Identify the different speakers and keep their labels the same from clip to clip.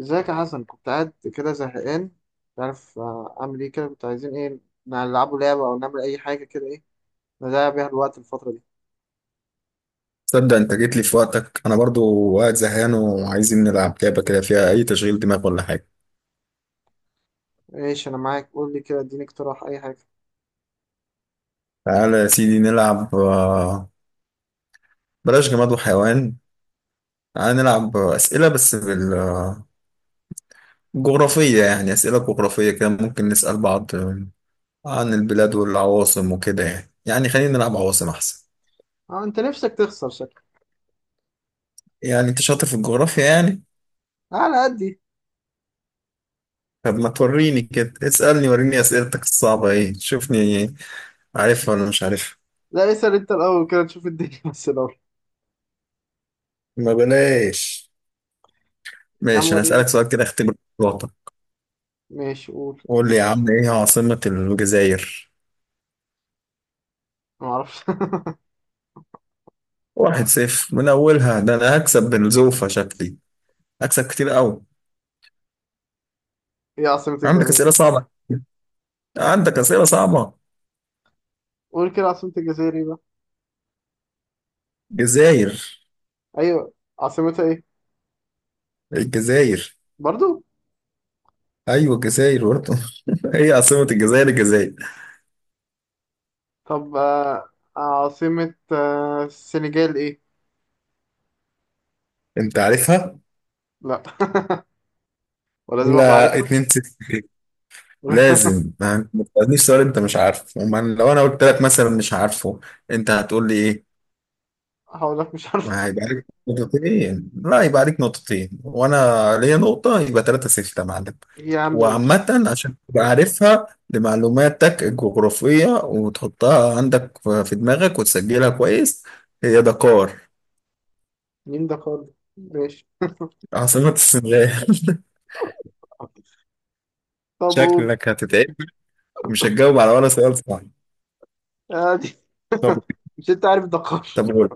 Speaker 1: ازيك يا حسن؟ كنت قاعد كده زهقان، مش عارف. اعمل ايه كده؟ كنت عايزين ايه نلعبوا لعبة او نعمل اي حاجة كده، ايه نضيع بيها الوقت الفترة دي.
Speaker 2: تصدق انت جيت لي في وقتك. انا برضو قاعد زهقان وعايزين نلعب لعبه كده فيها اي تشغيل دماغ ولا حاجه.
Speaker 1: ايش، انا معاك، قول لي كده، اديني اقتراح اي حاجة.
Speaker 2: تعالى يا سيدي نلعب بلاش جماد وحيوان. تعالى نلعب اسئله بس بالجغرافيه، يعني اسئله جغرافيه كده ممكن نسال بعض عن البلاد والعواصم وكده. يعني خلينا نلعب عواصم احسن.
Speaker 1: اه انت نفسك تخسر شكلك.
Speaker 2: يعني انت شاطر في الجغرافيا يعني؟
Speaker 1: على قدي.
Speaker 2: طب ما توريني كده، اسالني وريني اسئلتك الصعبه ايه، شوفني عارفها ولا مش عارفها.
Speaker 1: لا، اسأل انت الاول كده تشوف الدنيا بس الاول.
Speaker 2: ما بلاش،
Speaker 1: يا عم
Speaker 2: ماشي انا
Speaker 1: وريني.
Speaker 2: هسألك سؤال كده اختبر. الوطن.
Speaker 1: ماشي، قول.
Speaker 2: قول لي يا عم ايه عاصمة الجزائر؟
Speaker 1: ما اعرفش.
Speaker 2: واحد صفر من اولها، ده انا هكسب بنزوفة شكلي، هكسب كتير قوي.
Speaker 1: ايه عاصمة
Speaker 2: عندك
Speaker 1: الجزائر؟
Speaker 2: اسئلة صعبة، عندك اسئلة صعبة.
Speaker 1: قول كده عاصمة الجزائر ايه بقى؟
Speaker 2: جزائر؟
Speaker 1: ايوه. عاصمتها ايه؟
Speaker 2: الجزائر؟
Speaker 1: برضو.
Speaker 2: ايوه الجزائر برضه. هي عاصمة الجزائر الجزائر.
Speaker 1: طب عاصمة السنغال ايه؟
Speaker 2: انت عارفها؟
Speaker 1: لا. ولازم ابقى
Speaker 2: لا
Speaker 1: عارفها.
Speaker 2: اتنين صفر. لازم ما تسألنيش سؤال انت مش عارفه لو انا قلت لك مثلا مش عارفه انت هتقول لي ايه؟
Speaker 1: هقول لك مش عارف.
Speaker 2: ما هيبقى عليك نقطتين. لا يبقى عليك نقطتين وانا ليا نقطة، يبقى ثلاثة ستة يا معلم.
Speaker 1: إيه يا عمي؟
Speaker 2: وعامة عشان تبقى عارفها لمعلوماتك الجغرافية وتحطها عندك في دماغك وتسجلها كويس، هي دكار،
Speaker 1: مين دكار؟ ماشي.
Speaker 2: عاصمة السنغال.
Speaker 1: طب قول.
Speaker 2: شكلك هتتعب ومش هتجاوب على ولا سؤال صح.
Speaker 1: عادي.
Speaker 2: طب،
Speaker 1: مش انت عارف دكار؟
Speaker 2: طب قول،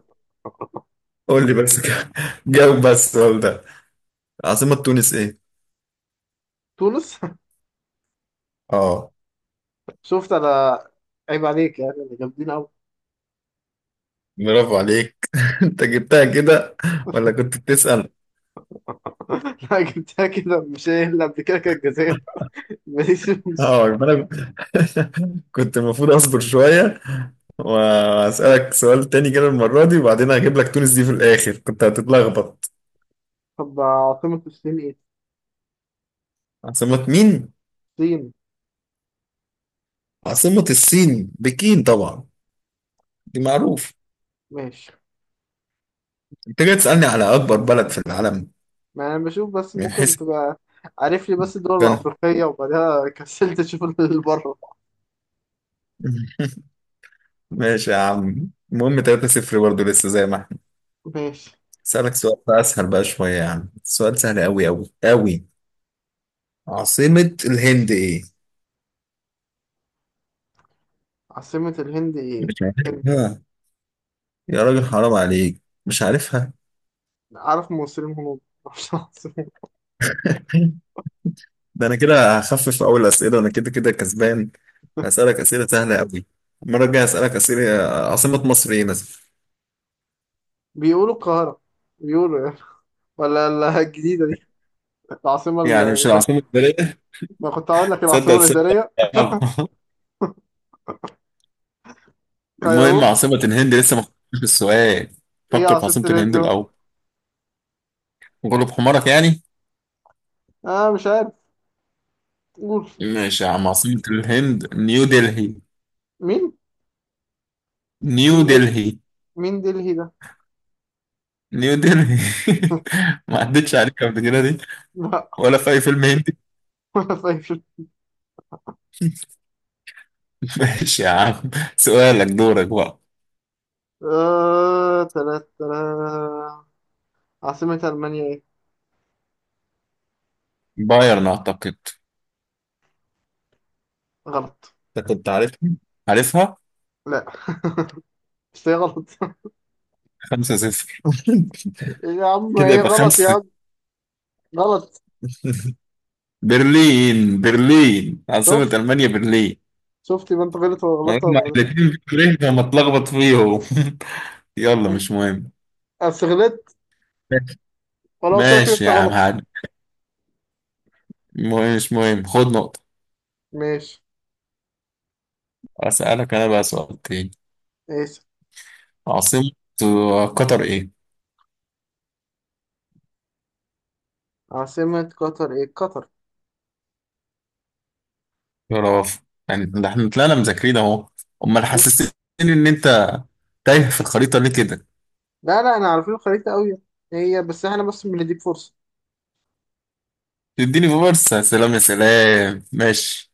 Speaker 2: قول لي بس كده. جاوب بس السؤال ده، عاصمة تونس ايه؟
Speaker 1: تونس.
Speaker 2: اه،
Speaker 1: شفت انا. عيب عليك، يعني انا جامدين قوي.
Speaker 2: برافو عليك. انت جبتها كده ولا كنت بتسأل؟
Speaker 1: لا، جبتها كده، مش هي اللي قبل كده كانت الجزائر. ماليش فلوس.
Speaker 2: اه، يبقى انا كنت المفروض اصبر شويه واسالك سؤال تاني كده المره دي، وبعدين هجيب لك تونس دي في الاخر كنت هتتلخبط.
Speaker 1: طب عاصمة الصين ايه؟
Speaker 2: عاصمه مين؟
Speaker 1: الصين.
Speaker 2: عاصمه الصين بكين طبعا، دي معروف.
Speaker 1: ماشي.
Speaker 2: انت جاي تسالني على اكبر بلد في العالم
Speaker 1: ما انا بشوف بس
Speaker 2: من
Speaker 1: ممكن
Speaker 2: حيث
Speaker 1: تبقى عارف لي بس الدول
Speaker 2: كان.
Speaker 1: الافريقية، وبعدها كسلت اشوف اللي بره.
Speaker 2: ماشي يا عم، المهم 3-0 برضه لسه زي ما احنا.
Speaker 1: ماشي.
Speaker 2: اسالك سؤال بقى اسهل بقى شويه يا عم، سؤال سهل قوي قوي قوي. عاصمه الهند ايه؟
Speaker 1: عاصمة الهند ايه؟
Speaker 2: مش عارفها؟ يا راجل حرام عليك مش عارفها.
Speaker 1: عارف مصريين هنود معرفش العاصمة.
Speaker 2: ده انا كده هخفف اول اسئله، انا كده كسبان، هسالك اسئله سهله قوي. المره الجايه هسالك اسئله. عاصمه مصر ايه مثلا؟
Speaker 1: بيقولوا القاهرة، بيقولوا يعني. ولا الجديدة دي، العاصمة
Speaker 2: يعني مش
Speaker 1: الإدارية.
Speaker 2: العاصمه الاداريه.
Speaker 1: ما كنت هقول لك
Speaker 2: تصدق
Speaker 1: العاصمة
Speaker 2: تصدق
Speaker 1: الإدارية. غيروه.
Speaker 2: المهم عاصمه الهند، لسه ما فكرتش في السؤال.
Speaker 1: إيه
Speaker 2: فكر في
Speaker 1: عاصمة
Speaker 2: عاصمه
Speaker 1: الهند
Speaker 2: الهند
Speaker 1: بقى؟
Speaker 2: الاول. غلب حمارك يعني.
Speaker 1: أنا مش عارف. قول.
Speaker 2: ماشي يا عم، عاصمه الهند نيو دلهي.
Speaker 1: مين؟
Speaker 2: نيو
Speaker 1: مين،
Speaker 2: دلهي.
Speaker 1: مين دلهي ده؟
Speaker 2: نيو دلهي. ما عدتش عليك قبل كده دي
Speaker 1: لا.
Speaker 2: ولا في اي فيلم هندي.
Speaker 1: ولا فاكر.
Speaker 2: ماشي يا عم، سؤالك دورك بقى.
Speaker 1: آه، تلات تلات. عاصمة ألمانيا إيه؟
Speaker 2: بايرن اعتقد.
Speaker 1: غلط.
Speaker 2: انت كنت عارفها، عارفها.
Speaker 1: لا، مش هي غلط.
Speaker 2: خمسة صفر.
Speaker 1: يا عم
Speaker 2: كده
Speaker 1: إيه
Speaker 2: يبقى
Speaker 1: غلط يا
Speaker 2: خمسة
Speaker 1: عم. غلط.
Speaker 2: صفر. برلين. برلين عاصمة
Speaker 1: شفت؟
Speaker 2: ألمانيا، برلين.
Speaker 1: شفت يبقى أنت غلط؟ ولا غلطت
Speaker 2: هما
Speaker 1: ولا غلط.
Speaker 2: الاتنين برلين فما اتلخبط فيهم. يلا مش مهم.
Speaker 1: بس غلطت، ولا قلت لك إن
Speaker 2: ماشي
Speaker 1: أنت
Speaker 2: يا عم
Speaker 1: غلط.
Speaker 2: هاد، مهم مش مهم، خد نقطة.
Speaker 1: ماشي.
Speaker 2: أسألك أنا بقى سؤال تاني.
Speaker 1: ماشي.
Speaker 2: عاصمة قطر إيه؟
Speaker 1: عاصمة قطر إيه؟ قطر.
Speaker 2: برافو. يعني ده احنا طلعنا مذاكرين أهو، أمال حسستني إن أنت تايه في الخريطة ليه كده؟
Speaker 1: لا لا، احنا عارفين الخريطة قوي. هي بس احنا بس بنديك فرصة.
Speaker 2: تديني فرصة؟ سلام يا سلام، ماشي،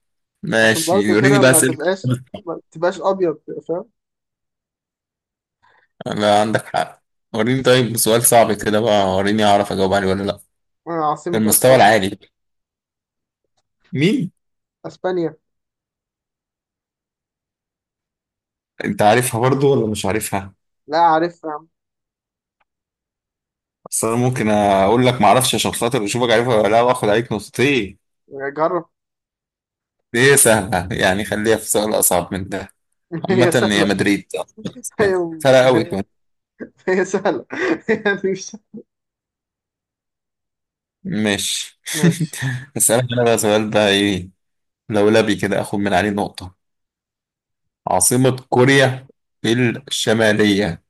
Speaker 1: عشان
Speaker 2: ماشي
Speaker 1: برضه
Speaker 2: وريني
Speaker 1: كده
Speaker 2: بقى
Speaker 1: ما
Speaker 2: أسئلتك.
Speaker 1: تبقاش ما تبقاش ابيض. فاهم؟
Speaker 2: لا عندك حق، وريني طيب سؤال صعب كده بقى، وريني أعرف أجاوب عليه ولا لأ.
Speaker 1: عاصمة
Speaker 2: المستوى
Speaker 1: اسبانيا.
Speaker 2: العالي. مين؟
Speaker 1: اسبانيا.
Speaker 2: أنت عارفها برضو ولا مش عارفها؟
Speaker 1: لا عارفها يا عم.
Speaker 2: أصل أنا ممكن أقول لك معرفش عشان خاطر أشوفك عارفها ولا لأ وآخد عليك نقطتين.
Speaker 1: جرب.
Speaker 2: دي سهلة، يعني خليها في سؤال أصعب من ده.
Speaker 1: هي
Speaker 2: عامة هي
Speaker 1: سهلة.
Speaker 2: مدريد.
Speaker 1: هي
Speaker 2: سهلة أوي
Speaker 1: هي,
Speaker 2: كمان.
Speaker 1: هي سهلة، يعني مش.
Speaker 2: ماشي.
Speaker 1: ماشي.
Speaker 2: أسألك أنا بقى سؤال بقى إيه لولبي كده آخد من عليه نقطة. عاصمة كوريا الشمالية.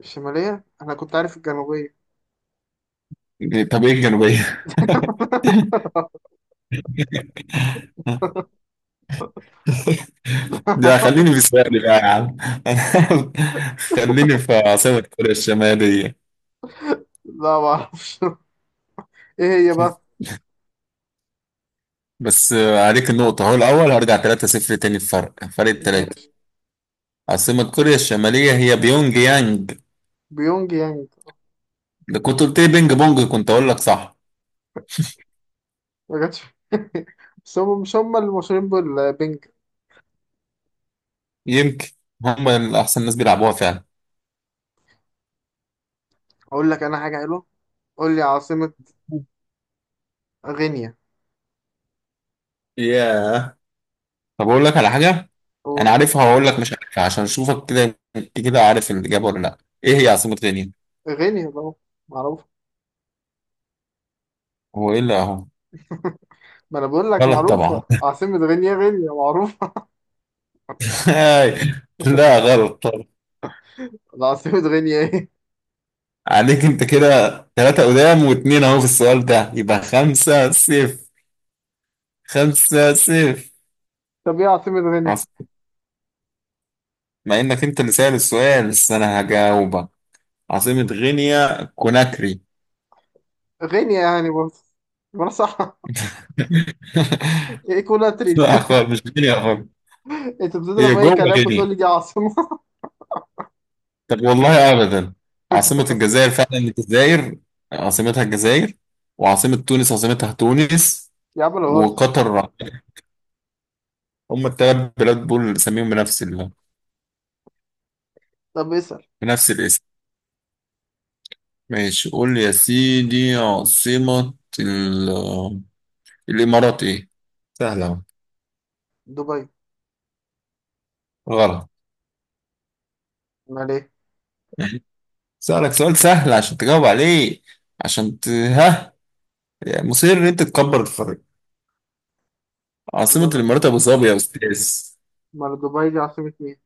Speaker 1: الشمالية؟ انا كنت عارف الجنوبية.
Speaker 2: طب ايه الجنوبية؟ ده خليني في السؤال بقى يا عم. خليني في عاصمة كوريا الشمالية.
Speaker 1: لا ما اعرفش. ايه هي بقى؟
Speaker 2: بس عليك النقطة هو الأول، هرجع 3-0 تاني، الفرق فرق تلاتة.
Speaker 1: ماشي.
Speaker 2: عاصمة كوريا الشمالية هي بيونج يانج.
Speaker 1: بيونج يانج.
Speaker 2: لو كنت قلت لي بينج بونج كنت أقول لك صح.
Speaker 1: ما جاتش. بس هم مش هم اللي مشهورين بالبنج؟
Speaker 2: يمكن هم أحسن ناس بيلعبوها فعلا.
Speaker 1: اقول لك انا حاجة حلوة. قول لي عاصمة غينيا.
Speaker 2: ياه، طب اقول لك على حاجه، انا عارفها وهقول لك مش عارفها عشان اشوفك كده انت كده عارف الاجابه ولا لا. ايه هي عاصمه غينيا؟
Speaker 1: غينيا طبعا. معروف.
Speaker 2: هو ايه اللي اهو؟
Speaker 1: ما انا بقول لك
Speaker 2: غلط طبعا.
Speaker 1: معروفة، عاصمة غينيا غينيا معروفة.
Speaker 2: لا غلط طبعا.
Speaker 1: ده عاصمة غينيا ايه؟
Speaker 2: عليك انت كده، ثلاثة قدام واتنين اهو، في السؤال ده يبقى خمسة صفر، خمسة صفر.
Speaker 1: طب ايه عاصمة غينيا؟
Speaker 2: عاصمة- مع انك انت اللي سأل السؤال بس انا هجاوبك، عاصمة غينيا كوناكري.
Speaker 1: غينيا يعني برضه. ما انا صح. ايه كولاتري
Speaker 2: لا
Speaker 1: دي؟
Speaker 2: خالص مش غينيا خالص،
Speaker 1: انت
Speaker 2: هي
Speaker 1: بتضرب اي
Speaker 2: جوه
Speaker 1: كلام وتقول
Speaker 2: غينيا.
Speaker 1: لي دي عاصمة.
Speaker 2: طب والله ابدا، عاصمة الجزائر فعلا الجزائر، عاصمتها الجزائر، وعاصمة تونس عاصمتها تونس،
Speaker 1: يا عم انا بهزر.
Speaker 2: وقطر، هم الثلاث بلاد دول اللي سميهم بنفس
Speaker 1: طب اسأل.
Speaker 2: بنفس الاسم. ماشي قول لي يا سيدي، عاصمة ال... الامارات ايه؟ سهلة أهو.
Speaker 1: دبي.
Speaker 2: غلط.
Speaker 1: امال ايه؟
Speaker 2: سألك سؤال سهل عشان تجاوب عليه، عشان ها، يعني مصر ان انت تكبر الفرق. عاصمة
Speaker 1: امال إيه؟
Speaker 2: الامارات ابو ظبي يا استاذ.
Speaker 1: أمال دبي دي عاصمة مين؟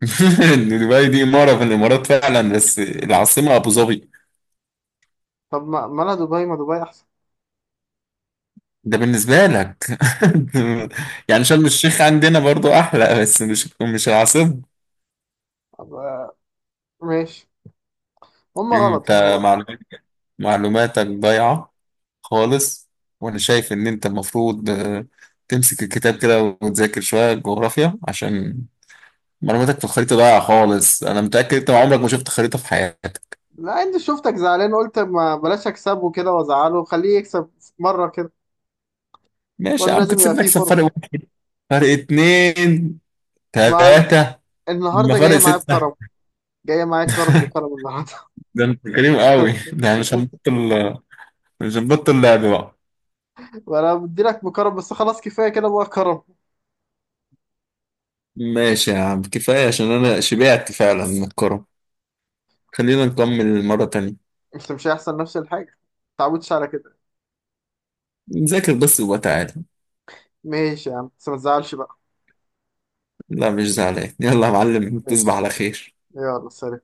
Speaker 2: دبي دي إمارة في الإمارات فعلا، بس العاصمة أبو ظبي.
Speaker 1: طب ما مالها دبي، ما دبي احسن.
Speaker 2: ده بالنسبة لك. يعني شرم الشيخ عندنا برضو أحلى بس مش العاصمة.
Speaker 1: طب ماشي. هم غلط هم
Speaker 2: أنت
Speaker 1: غلط.
Speaker 2: معلومات- معلوماتك ضايعة خالص. وأنا شايف إن أنت المفروض تمسك الكتاب كده وتذاكر شوية جغرافيا، عشان معلوماتك في الخريطة ضايعة خالص. أنا متأكد أنت عمرك ما شفت خريطة في حياتك.
Speaker 1: لا، انت شفتك زعلان، قلت ما بلاش اكسبه كده وازعله، خليه يكسب مرة كده.
Speaker 2: ماشي يا
Speaker 1: برضه
Speaker 2: عم،
Speaker 1: لازم
Speaker 2: كنت
Speaker 1: يبقى
Speaker 2: سيبني
Speaker 1: فيه
Speaker 2: أكسب فرق
Speaker 1: فرصة.
Speaker 2: واحد، فرق اتنين،
Speaker 1: ما
Speaker 2: تلاتة. ما
Speaker 1: النهارده
Speaker 2: فرق
Speaker 1: جايه معايا
Speaker 2: ستة.
Speaker 1: بكرم، جايه معايا كرم بكرم النهارده.
Speaker 2: ده انت كريم قوي. ده انا مش
Speaker 1: شوف.
Speaker 2: هنبطل، مش هنبطل لعب بقى.
Speaker 1: انا بدي لك بكرم بس خلاص، كفايه كده بقى كرم.
Speaker 2: ماشي يا عم كفاية، عشان أنا شبعت فعلا من الكرة. خلينا نكمل مرة تانية،
Speaker 1: انت مش هيحصل نفس الحاجه، ما تعودش على كده.
Speaker 2: نذاكر بس وبتعالى.
Speaker 1: ماشي يا عم بس ما تزعلش بقى.
Speaker 2: لا مش زعلان، يلا يا معلم تصبح
Speaker 1: ماشي.
Speaker 2: على خير.
Speaker 1: يلا سلام.